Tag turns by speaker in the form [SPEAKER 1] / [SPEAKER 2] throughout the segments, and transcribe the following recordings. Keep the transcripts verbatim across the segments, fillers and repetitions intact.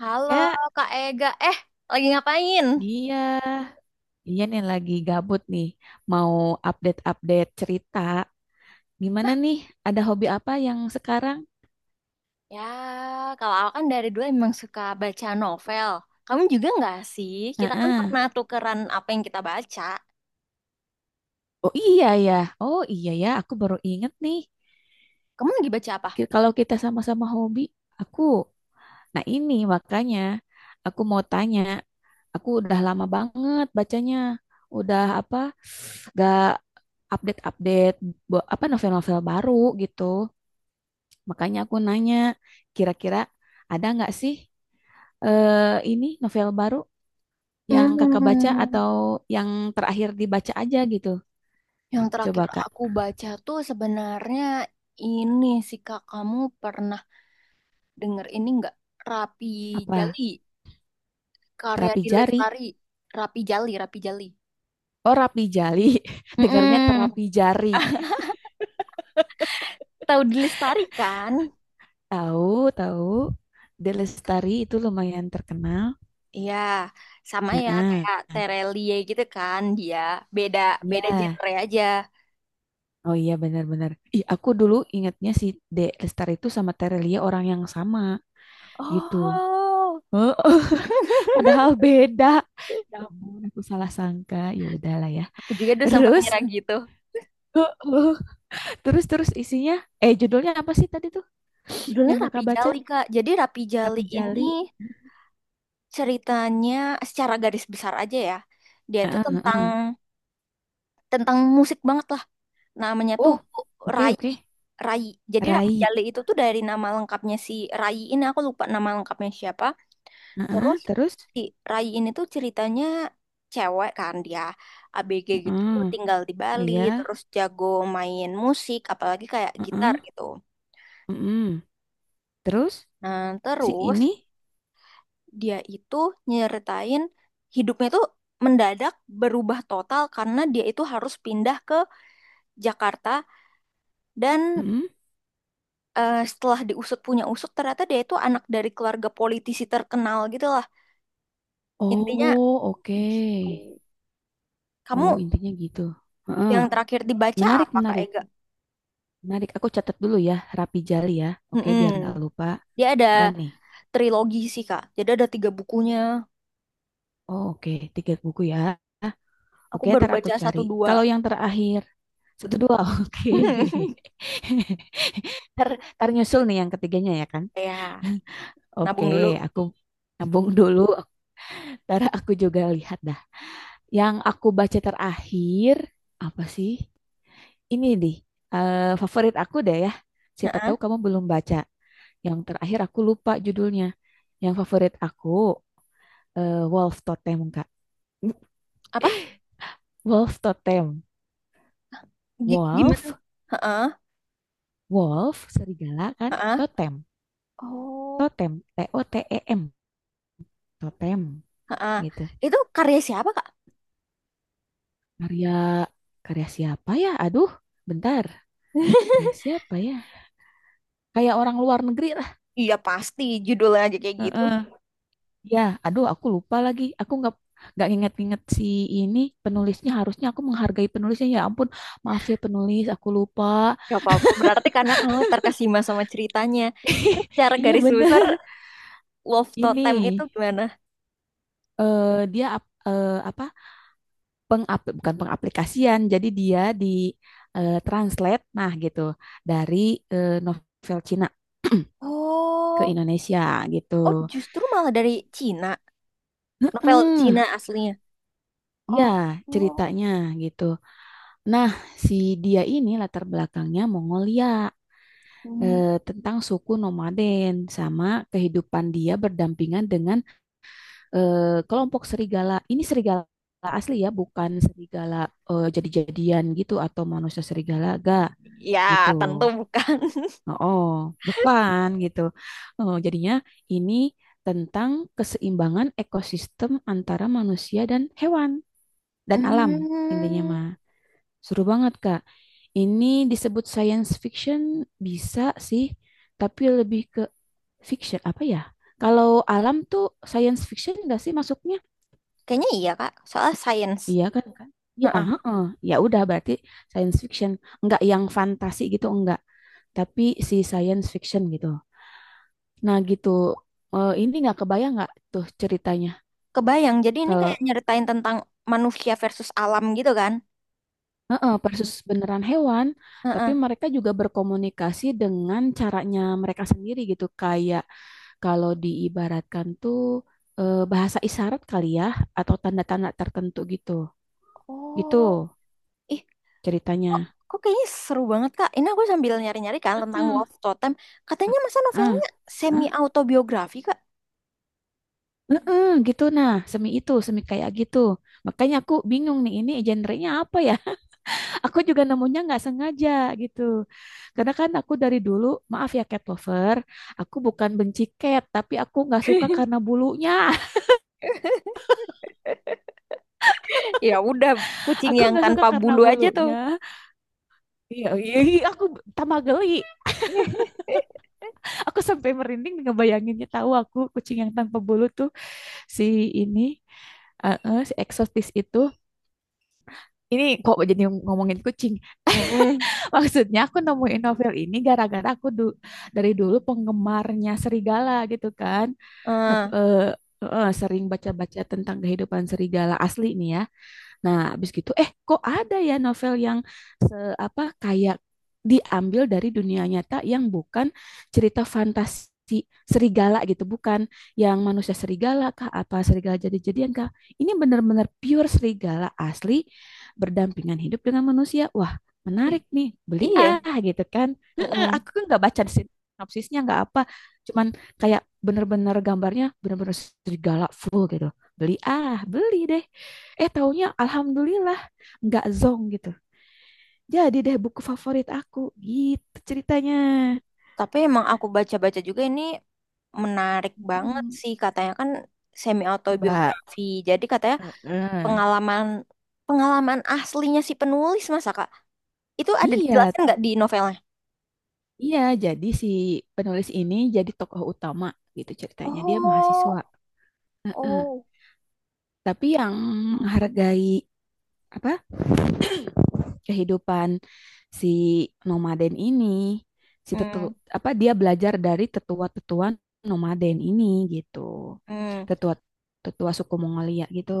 [SPEAKER 1] Halo
[SPEAKER 2] Kak,
[SPEAKER 1] Kak Ega, eh lagi ngapain?
[SPEAKER 2] iya, iya nih lagi gabut nih, mau update-update cerita. Gimana nih, ada hobi apa yang sekarang?
[SPEAKER 1] Ya, kalau aku kan dari dulu emang suka baca novel. Kamu juga nggak sih? Kita kan
[SPEAKER 2] Heeh.
[SPEAKER 1] pernah tukeran apa yang kita baca.
[SPEAKER 2] Oh iya ya, oh iya ya, aku baru inget nih.
[SPEAKER 1] Kamu lagi baca apa?
[SPEAKER 2] Ki- Kalau kita sama-sama hobi, aku, nah ini makanya aku mau tanya, aku udah lama banget bacanya, udah apa, gak update-update bu- apa novel-novel baru gitu. Makanya aku nanya, kira-kira ada nggak sih eh, ini novel baru yang kakak baca
[SPEAKER 1] Hmm,
[SPEAKER 2] atau yang terakhir dibaca aja gitu?
[SPEAKER 1] yang terakhir
[SPEAKER 2] Coba kak,
[SPEAKER 1] aku baca tuh sebenarnya ini sih Kak, kamu pernah denger ini nggak? Rapi
[SPEAKER 2] apa?
[SPEAKER 1] Jali, karya
[SPEAKER 2] Terapi
[SPEAKER 1] Di
[SPEAKER 2] jari.
[SPEAKER 1] Lestari. Rapi Jali, Rapi Jali.
[SPEAKER 2] Oh, rapi jali. Dengarnya
[SPEAKER 1] Mm-mm.
[SPEAKER 2] terapi jari.
[SPEAKER 1] Tahu Di Lestari kan?
[SPEAKER 2] Tahu, tahu. De Lestari itu lumayan terkenal.
[SPEAKER 1] Iya, sama ya
[SPEAKER 2] Heeh.
[SPEAKER 1] kayak Terelie gitu kan dia. Beda,
[SPEAKER 2] Iya.
[SPEAKER 1] beda genre aja.
[SPEAKER 2] Oh iya benar-benar. Ih, aku dulu ingatnya si De Lestari itu sama Terelia orang yang sama gitu.
[SPEAKER 1] Oh,
[SPEAKER 2] Heeh. Padahal beda. Ya ampun, aku salah sangka. Ya udahlah ya.
[SPEAKER 1] aku juga dulu sempat
[SPEAKER 2] Terus,
[SPEAKER 1] ngira gitu.
[SPEAKER 2] heeh. terus terus isinya, eh judulnya apa sih tadi tuh
[SPEAKER 1] Judulnya
[SPEAKER 2] yang
[SPEAKER 1] Rapi
[SPEAKER 2] kakak baca?
[SPEAKER 1] Jali, Kak. Jadi Rapi Jali
[SPEAKER 2] Tapi Jali.
[SPEAKER 1] ini ceritanya secara garis besar aja ya. Dia itu
[SPEAKER 2] Heeh,
[SPEAKER 1] tentang
[SPEAKER 2] heeh.
[SPEAKER 1] tentang musik banget lah. Namanya tuh
[SPEAKER 2] Oh, oke,
[SPEAKER 1] Rai.
[SPEAKER 2] oke.
[SPEAKER 1] Rai. Jadi Rapi
[SPEAKER 2] Rai.
[SPEAKER 1] Jali itu tuh dari nama lengkapnya si Rai, ini aku lupa nama lengkapnya siapa. Terus
[SPEAKER 2] Heeh, terus,
[SPEAKER 1] si Rai ini tuh ceritanya cewek kan dia, A B G gitu,
[SPEAKER 2] heeh.
[SPEAKER 1] tinggal di
[SPEAKER 2] Oh
[SPEAKER 1] Bali
[SPEAKER 2] iya,
[SPEAKER 1] terus jago main musik apalagi kayak gitar
[SPEAKER 2] heeh,
[SPEAKER 1] gitu.
[SPEAKER 2] heeh. Terus
[SPEAKER 1] Nah,
[SPEAKER 2] si
[SPEAKER 1] terus
[SPEAKER 2] ini,
[SPEAKER 1] dia itu nyeritain hidupnya tuh mendadak berubah total karena dia itu harus pindah ke Jakarta dan
[SPEAKER 2] heeh.
[SPEAKER 1] eh, setelah diusut punya usut ternyata dia itu anak dari keluarga politisi terkenal gitu lah. Intinya
[SPEAKER 2] Oh, oke.
[SPEAKER 1] gitu.
[SPEAKER 2] Oh,
[SPEAKER 1] Kamu
[SPEAKER 2] intinya gitu. Heeh.
[SPEAKER 1] yang terakhir dibaca
[SPEAKER 2] Menarik,
[SPEAKER 1] apa, Kak
[SPEAKER 2] menarik.
[SPEAKER 1] Ega?
[SPEAKER 2] Menarik, aku catat dulu ya, Rapi Jali ya. Oke,
[SPEAKER 1] Mm-mm.
[SPEAKER 2] biar nggak lupa.
[SPEAKER 1] Dia ada
[SPEAKER 2] Dan nih,
[SPEAKER 1] trilogi sih, Kak. Jadi ada tiga bukunya.
[SPEAKER 2] oh, oke, tiga buku ya.
[SPEAKER 1] Aku
[SPEAKER 2] Oke,
[SPEAKER 1] baru
[SPEAKER 2] ntar aku
[SPEAKER 1] baca
[SPEAKER 2] cari.
[SPEAKER 1] satu dua.
[SPEAKER 2] Kalau yang terakhir, satu dua, oke. Ntar, ntar nyusul nih yang ketiganya ya kan?
[SPEAKER 1] Ya,
[SPEAKER 2] Oke,
[SPEAKER 1] nabung dulu.
[SPEAKER 2] aku nabung dulu. Ntar aku juga lihat dah. Yang aku baca terakhir, apa sih? Ini nih, eh, favorit aku deh ya. Siapa
[SPEAKER 1] Heeh.
[SPEAKER 2] tahu kamu belum baca. Yang terakhir aku lupa judulnya. Yang favorit aku eh, wolf totem kak,
[SPEAKER 1] Apa?
[SPEAKER 2] wolf totem,
[SPEAKER 1] Gi- gimana?
[SPEAKER 2] wolf
[SPEAKER 1] Heeh.
[SPEAKER 2] wolf serigala kan,
[SPEAKER 1] Heeh.
[SPEAKER 2] totem,
[SPEAKER 1] Oh.
[SPEAKER 2] totem T O T E M totem
[SPEAKER 1] Heeh.
[SPEAKER 2] gitu.
[SPEAKER 1] Itu karya siapa, Kak?
[SPEAKER 2] Karya karya siapa ya, aduh, bentar. Karya siapa ya, kayak orang luar negeri lah.
[SPEAKER 1] Iya, pasti judulnya aja kayak gitu.
[SPEAKER 2] Heeh. Ya, aduh, aku lupa lagi, aku nggak nggak inget-inget si ini penulisnya. Harusnya aku menghargai penulisnya, ya ampun. Maaf ya penulis, aku lupa.
[SPEAKER 1] Gak apa-apa. Berarti karena kamu terkesima sama ceritanya. Secara
[SPEAKER 2] Iya,
[SPEAKER 1] garis besar,
[SPEAKER 2] bener.
[SPEAKER 1] Love
[SPEAKER 2] Ini
[SPEAKER 1] Totem itu gimana?
[SPEAKER 2] eh dia ap- eh, apa, pengap bukan, pengaplikasian. Jadi dia di eh, translate nah gitu dari eh, novel Cina ke
[SPEAKER 1] Oh,
[SPEAKER 2] Indonesia gitu.
[SPEAKER 1] oh, justru malah dari Cina. Novel
[SPEAKER 2] Heeh,
[SPEAKER 1] Cina aslinya.
[SPEAKER 2] ya
[SPEAKER 1] Oh,
[SPEAKER 2] ceritanya gitu. Nah, si dia ini latar belakangnya Mongolia,
[SPEAKER 1] oh.
[SPEAKER 2] eh, tentang suku nomaden sama kehidupan dia berdampingan dengan eh, kelompok serigala. Ini serigala asli ya, bukan serigala eh, jadi-jadian gitu atau manusia serigala, gak gitu.
[SPEAKER 1] Ya, tentu bukan.
[SPEAKER 2] Oh, bukan gitu. Oh, jadinya ini tentang keseimbangan ekosistem antara manusia dan hewan dan alam, intinya
[SPEAKER 1] Hmm,
[SPEAKER 2] mah. Seru banget, Kak. Ini disebut science fiction bisa sih, tapi lebih ke fiction apa ya? Kalau alam tuh science fiction enggak sih masuknya?
[SPEAKER 1] kayaknya iya Kak, soal sains.
[SPEAKER 2] Iya kan? Kan? Ya,
[SPEAKER 1] Heeh.
[SPEAKER 2] heeh. Ya udah berarti science fiction, enggak yang fantasi gitu enggak, tapi si science fiction gitu. Nah gitu. Eh, ini nggak kebayang nggak tuh ceritanya
[SPEAKER 1] Kebayang, jadi ini
[SPEAKER 2] kalau.
[SPEAKER 1] kayak nyeritain tentang manusia versus alam gitu kan?
[SPEAKER 2] Heeh, persis beneran hewan, tapi
[SPEAKER 1] Heeh.
[SPEAKER 2] mereka juga berkomunikasi dengan caranya mereka sendiri gitu, kayak kalau diibaratkan tuh eh, bahasa isyarat kali ya, atau tanda-tanda tertentu gitu, gitu
[SPEAKER 1] Oh, ih, kok,
[SPEAKER 2] ceritanya.
[SPEAKER 1] kok kayaknya seru banget Kak. Ini aku sambil nyari-nyari kan tentang
[SPEAKER 2] Heeh.
[SPEAKER 1] Wolf Totem. Katanya masa
[SPEAKER 2] Heeh,
[SPEAKER 1] novelnya semi
[SPEAKER 2] heeh,
[SPEAKER 1] autobiografi Kak?
[SPEAKER 2] heeh, gitu nah, semi itu, semi kayak gitu. Makanya aku bingung nih, ini genre-nya apa ya? Aku juga nemunya nggak sengaja gitu. Karena kan aku dari dulu, maaf ya cat lover, aku bukan benci cat, tapi aku nggak suka karena bulunya.
[SPEAKER 1] Ya udah, kucing
[SPEAKER 2] Aku
[SPEAKER 1] yang
[SPEAKER 2] nggak suka
[SPEAKER 1] tanpa
[SPEAKER 2] karena
[SPEAKER 1] bulu aja tuh.
[SPEAKER 2] bulunya. Iya, iya, iya, aku tambah geli. Aku sampai merinding ngebayanginnya. Tahu aku kucing yang tanpa bulu tuh si ini, eh, eh, si eksotis itu. Ini kok jadi ngomongin kucing.
[SPEAKER 1] Mm-mm.
[SPEAKER 2] Maksudnya aku nemuin novel ini gara-gara aku du- dari dulu penggemarnya serigala gitu kan. Nah, eh, eh, sering baca-baca tentang kehidupan serigala asli nih ya. Nah, habis gitu eh kok ada ya novel yang se apa kayak diambil dari dunia nyata yang bukan cerita fantasi serigala gitu, bukan yang manusia serigala kah apa serigala jadi-jadian kah. Ini benar-benar pure serigala asli berdampingan hidup dengan manusia. Wah, menarik nih.
[SPEAKER 1] Eh,
[SPEAKER 2] Beli
[SPEAKER 1] iya.
[SPEAKER 2] ah gitu kan. Heeh,
[SPEAKER 1] Mm-mm.
[SPEAKER 2] aku kan nggak baca sinopsisnya nggak apa. Cuman kayak bener-bener gambarnya bener-bener serigala full gitu. Beli ah, beli deh. Eh taunya alhamdulillah nggak zong gitu. Jadi deh buku favorit aku gitu ceritanya.
[SPEAKER 1] Tapi emang aku baca-baca juga ini menarik banget
[SPEAKER 2] Hmm,
[SPEAKER 1] sih katanya kan semi
[SPEAKER 2] coba.
[SPEAKER 1] autobiografi. Jadi katanya
[SPEAKER 2] Heeh.
[SPEAKER 1] pengalaman pengalaman aslinya si penulis masa Kak? Itu ada
[SPEAKER 2] Iya,
[SPEAKER 1] dijelaskan nggak di novelnya?
[SPEAKER 2] iya. Jadi si penulis ini jadi tokoh utama gitu ceritanya. Dia
[SPEAKER 1] Oh,
[SPEAKER 2] mahasiswa. Heeh.
[SPEAKER 1] oh.
[SPEAKER 2] Tapi yang menghargai apa kehidupan si nomaden ini, si tetu
[SPEAKER 1] Hmm,
[SPEAKER 2] apa dia belajar dari tetua-tetua nomaden ini gitu.
[SPEAKER 1] hmm,
[SPEAKER 2] Tetua tetua suku Mongolia gitu.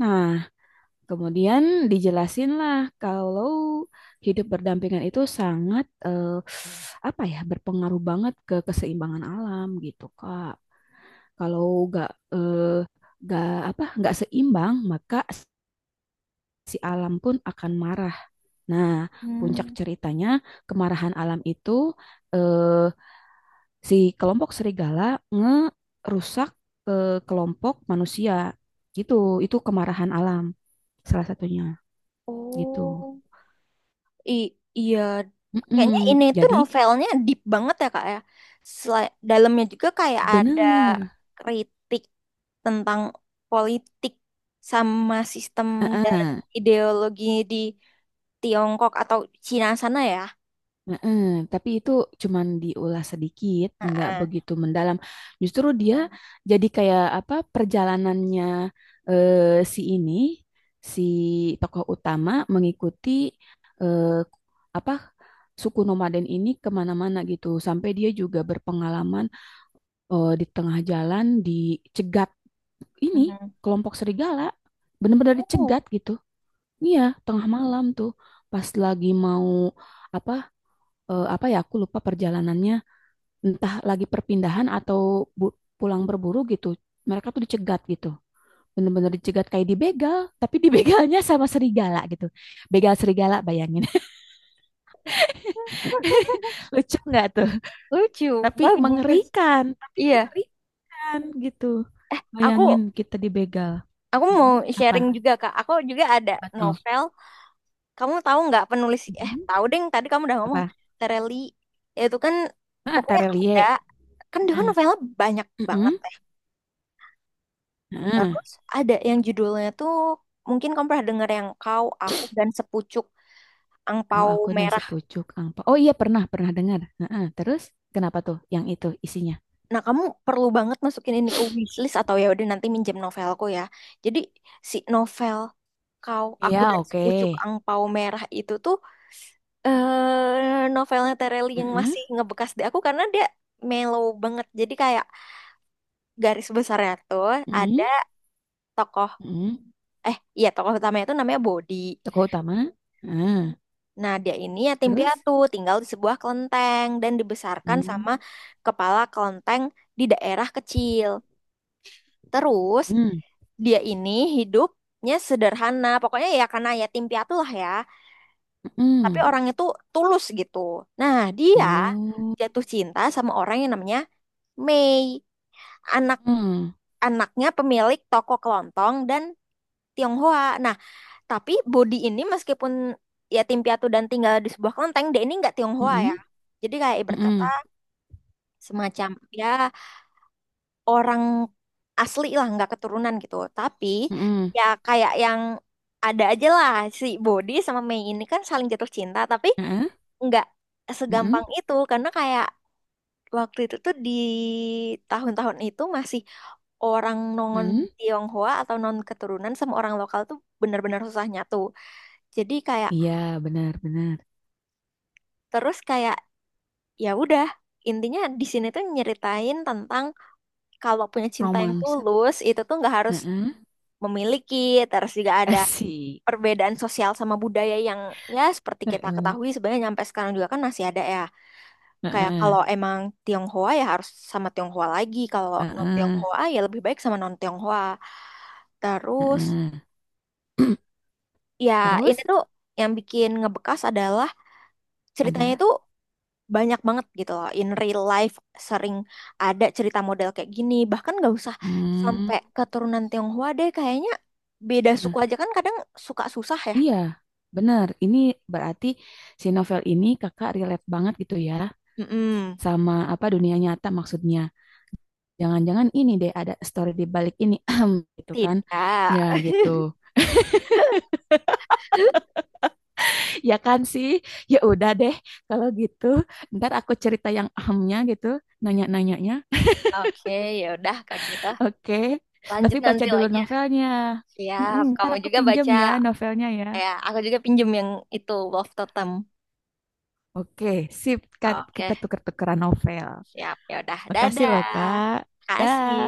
[SPEAKER 2] Nah, kemudian dijelasinlah kalau hidup berdampingan itu sangat eh, apa ya berpengaruh banget ke keseimbangan alam gitu, Kak. Kalau nggak eh, nggak apa nggak seimbang maka si alam pun akan marah. Nah, puncak
[SPEAKER 1] hmm.
[SPEAKER 2] ceritanya kemarahan alam itu eh, si kelompok serigala ngerusak ke kelompok manusia gitu. Itu kemarahan alam salah satunya gitu.
[SPEAKER 1] Oh. I- iya, kayaknya
[SPEAKER 2] Mm-mm.
[SPEAKER 1] ini tuh
[SPEAKER 2] Jadi
[SPEAKER 1] novelnya deep banget ya Kak ya. Sela- dalamnya juga kayak ada
[SPEAKER 2] bener.
[SPEAKER 1] kritik tentang politik sama sistem dan
[SPEAKER 2] Heeh,
[SPEAKER 1] ideologi di Tiongkok atau Cina sana ya.
[SPEAKER 2] heeh. Tapi itu cuman diulas sedikit, nggak
[SPEAKER 1] Heeh.
[SPEAKER 2] begitu mendalam. Justru dia jadi kayak apa perjalanannya eh, si ini, si tokoh utama mengikuti eh, apa suku nomaden ini kemana-mana gitu. Sampai dia juga berpengalaman eh, di tengah jalan dicegat ini
[SPEAKER 1] Mhm.
[SPEAKER 2] kelompok serigala, bener-bener
[SPEAKER 1] Oh,
[SPEAKER 2] dicegat gitu. Iya, tengah malam tuh pas lagi mau apa eh, apa ya aku lupa perjalanannya, entah lagi perpindahan atau bu- pulang berburu gitu. Mereka tuh dicegat gitu. Bener-bener dicegat kayak dibegal, tapi dibegalnya sama serigala gitu. Begal serigala bayangin. Lucu nggak tuh?
[SPEAKER 1] lucu,
[SPEAKER 2] Tapi
[SPEAKER 1] bagus.
[SPEAKER 2] mengerikan, tapi
[SPEAKER 1] Iya,
[SPEAKER 2] mengerikan gitu. Bayangin
[SPEAKER 1] aku
[SPEAKER 2] kita dibegal.
[SPEAKER 1] aku mau
[SPEAKER 2] Mhm. Apa?
[SPEAKER 1] sharing juga Kak. Aku juga ada
[SPEAKER 2] Apa tuh?
[SPEAKER 1] novel. Kamu tahu nggak penulis, eh
[SPEAKER 2] Mhm.
[SPEAKER 1] tahu deng, tadi kamu udah ngomong
[SPEAKER 2] Apa?
[SPEAKER 1] Tereli itu kan,
[SPEAKER 2] Ah,
[SPEAKER 1] pokoknya
[SPEAKER 2] terelie.
[SPEAKER 1] ada, kan dia kan
[SPEAKER 2] Heeh.
[SPEAKER 1] novelnya banyak
[SPEAKER 2] Heeh.
[SPEAKER 1] banget ya.
[SPEAKER 2] Heeh.
[SPEAKER 1] Terus ada yang judulnya tuh mungkin kamu pernah denger, yang Kau, Aku dan Sepucuk
[SPEAKER 2] Kau
[SPEAKER 1] Angpau
[SPEAKER 2] aku dan
[SPEAKER 1] Merah.
[SPEAKER 2] sepucuk angpau. Oh iya, pernah, pernah dengar. Heeh, terus kenapa tuh yang itu isinya?
[SPEAKER 1] Nah, kamu perlu banget masukin ini ke wishlist atau ya udah nanti minjem novelku ya. Jadi si novel Kau, Aku
[SPEAKER 2] Iya,
[SPEAKER 1] dan
[SPEAKER 2] oke.
[SPEAKER 1] Sepucuk Angpau Merah itu tuh eh novelnya Tereli yang
[SPEAKER 2] Heeh,
[SPEAKER 1] masih ngebekas di aku karena dia mellow banget. Jadi kayak garis besarnya tuh ada
[SPEAKER 2] heeh,
[SPEAKER 1] tokoh,
[SPEAKER 2] heeh.
[SPEAKER 1] eh iya, tokoh utamanya itu namanya Bodi.
[SPEAKER 2] Tokoh utama. Heeh,
[SPEAKER 1] Nah, dia ini yatim
[SPEAKER 2] terus?
[SPEAKER 1] piatu, tinggal di sebuah kelenteng dan dibesarkan
[SPEAKER 2] Hmm,
[SPEAKER 1] sama kepala kelenteng di daerah kecil. Terus
[SPEAKER 2] hmm,
[SPEAKER 1] dia ini hidupnya sederhana, pokoknya ya karena yatim piatu lah ya. Tapi
[SPEAKER 2] hmm.
[SPEAKER 1] orangnya tuh tulus gitu. Nah, dia
[SPEAKER 2] Oh.
[SPEAKER 1] jatuh cinta sama orang yang namanya Mei,
[SPEAKER 2] Hmm,
[SPEAKER 1] anak-anaknya pemilik toko kelontong dan Tionghoa. Nah, tapi Bodi ini meskipun ya tim piatu dan tinggal di sebuah kelenteng, dia ini nggak Tionghoa ya.
[SPEAKER 2] hmm,
[SPEAKER 1] Jadi kayak ibarat kata
[SPEAKER 2] hmm,
[SPEAKER 1] semacam ya orang asli lah, nggak keturunan gitu. Tapi
[SPEAKER 2] hmm.
[SPEAKER 1] ya kayak yang ada aja lah, si Bodi sama Mei ini kan saling jatuh cinta, tapi
[SPEAKER 2] Heeh,
[SPEAKER 1] nggak
[SPEAKER 2] heeh,
[SPEAKER 1] segampang itu karena kayak waktu itu tuh di tahun-tahun itu masih, orang non
[SPEAKER 2] heeh.
[SPEAKER 1] Tionghoa atau non keturunan sama orang lokal tuh benar-benar susah nyatu. Jadi kayak,
[SPEAKER 2] Iya, benar-benar.
[SPEAKER 1] terus kayak ya udah, intinya di sini tuh nyeritain tentang kalau punya cinta yang
[SPEAKER 2] Romansa.
[SPEAKER 1] tulus itu tuh nggak harus
[SPEAKER 2] Heeh.
[SPEAKER 1] memiliki, terus juga ada
[SPEAKER 2] Asik.
[SPEAKER 1] perbedaan sosial sama budaya yang ya seperti kita
[SPEAKER 2] Heeh,
[SPEAKER 1] ketahui sebenarnya nyampe sekarang juga kan masih ada ya, kayak
[SPEAKER 2] heeh,
[SPEAKER 1] kalau emang Tionghoa ya harus sama Tionghoa lagi, kalau non
[SPEAKER 2] heeh,
[SPEAKER 1] Tionghoa ya lebih baik sama non Tionghoa. Terus
[SPEAKER 2] heeh.
[SPEAKER 1] ya ini
[SPEAKER 2] Terus
[SPEAKER 1] tuh yang bikin ngebekas adalah ceritanya itu
[SPEAKER 2] adalah.
[SPEAKER 1] banyak banget gitu loh, in real life sering ada cerita model kayak gini, bahkan nggak usah
[SPEAKER 2] Hmm.
[SPEAKER 1] sampai keturunan Tionghoa deh, kayaknya beda
[SPEAKER 2] Heeh.
[SPEAKER 1] suku aja kan kadang suka susah ya.
[SPEAKER 2] Iya, benar. Ini berarti si novel ini kakak relate banget gitu ya,
[SPEAKER 1] Mm-mm.
[SPEAKER 2] sama apa dunia nyata maksudnya. Jangan-jangan ini deh ada story di balik ini gitu kan.
[SPEAKER 1] Tidak.
[SPEAKER 2] Ya gitu. Ya kan sih. Ya udah deh kalau gitu. Ntar aku cerita yang ahamnya gitu, nanya-nanyanya.
[SPEAKER 1] Oke, ya udah Kak, gitu,
[SPEAKER 2] Oke. Tapi
[SPEAKER 1] lanjut
[SPEAKER 2] baca
[SPEAKER 1] nanti
[SPEAKER 2] dulu
[SPEAKER 1] lagi ya.
[SPEAKER 2] novelnya. Mm-mm,
[SPEAKER 1] Siap,
[SPEAKER 2] ntar
[SPEAKER 1] kamu
[SPEAKER 2] aku
[SPEAKER 1] juga
[SPEAKER 2] pinjam
[SPEAKER 1] baca
[SPEAKER 2] ya novelnya ya.
[SPEAKER 1] ya. Aku juga pinjem yang itu, Wolf Totem.
[SPEAKER 2] Oke, sip. Kan
[SPEAKER 1] Oke,
[SPEAKER 2] kita tuker-tukeran novel.
[SPEAKER 1] siap, ya udah,
[SPEAKER 2] Makasih loh,
[SPEAKER 1] dadah,
[SPEAKER 2] Kak.
[SPEAKER 1] kasih.
[SPEAKER 2] Dah.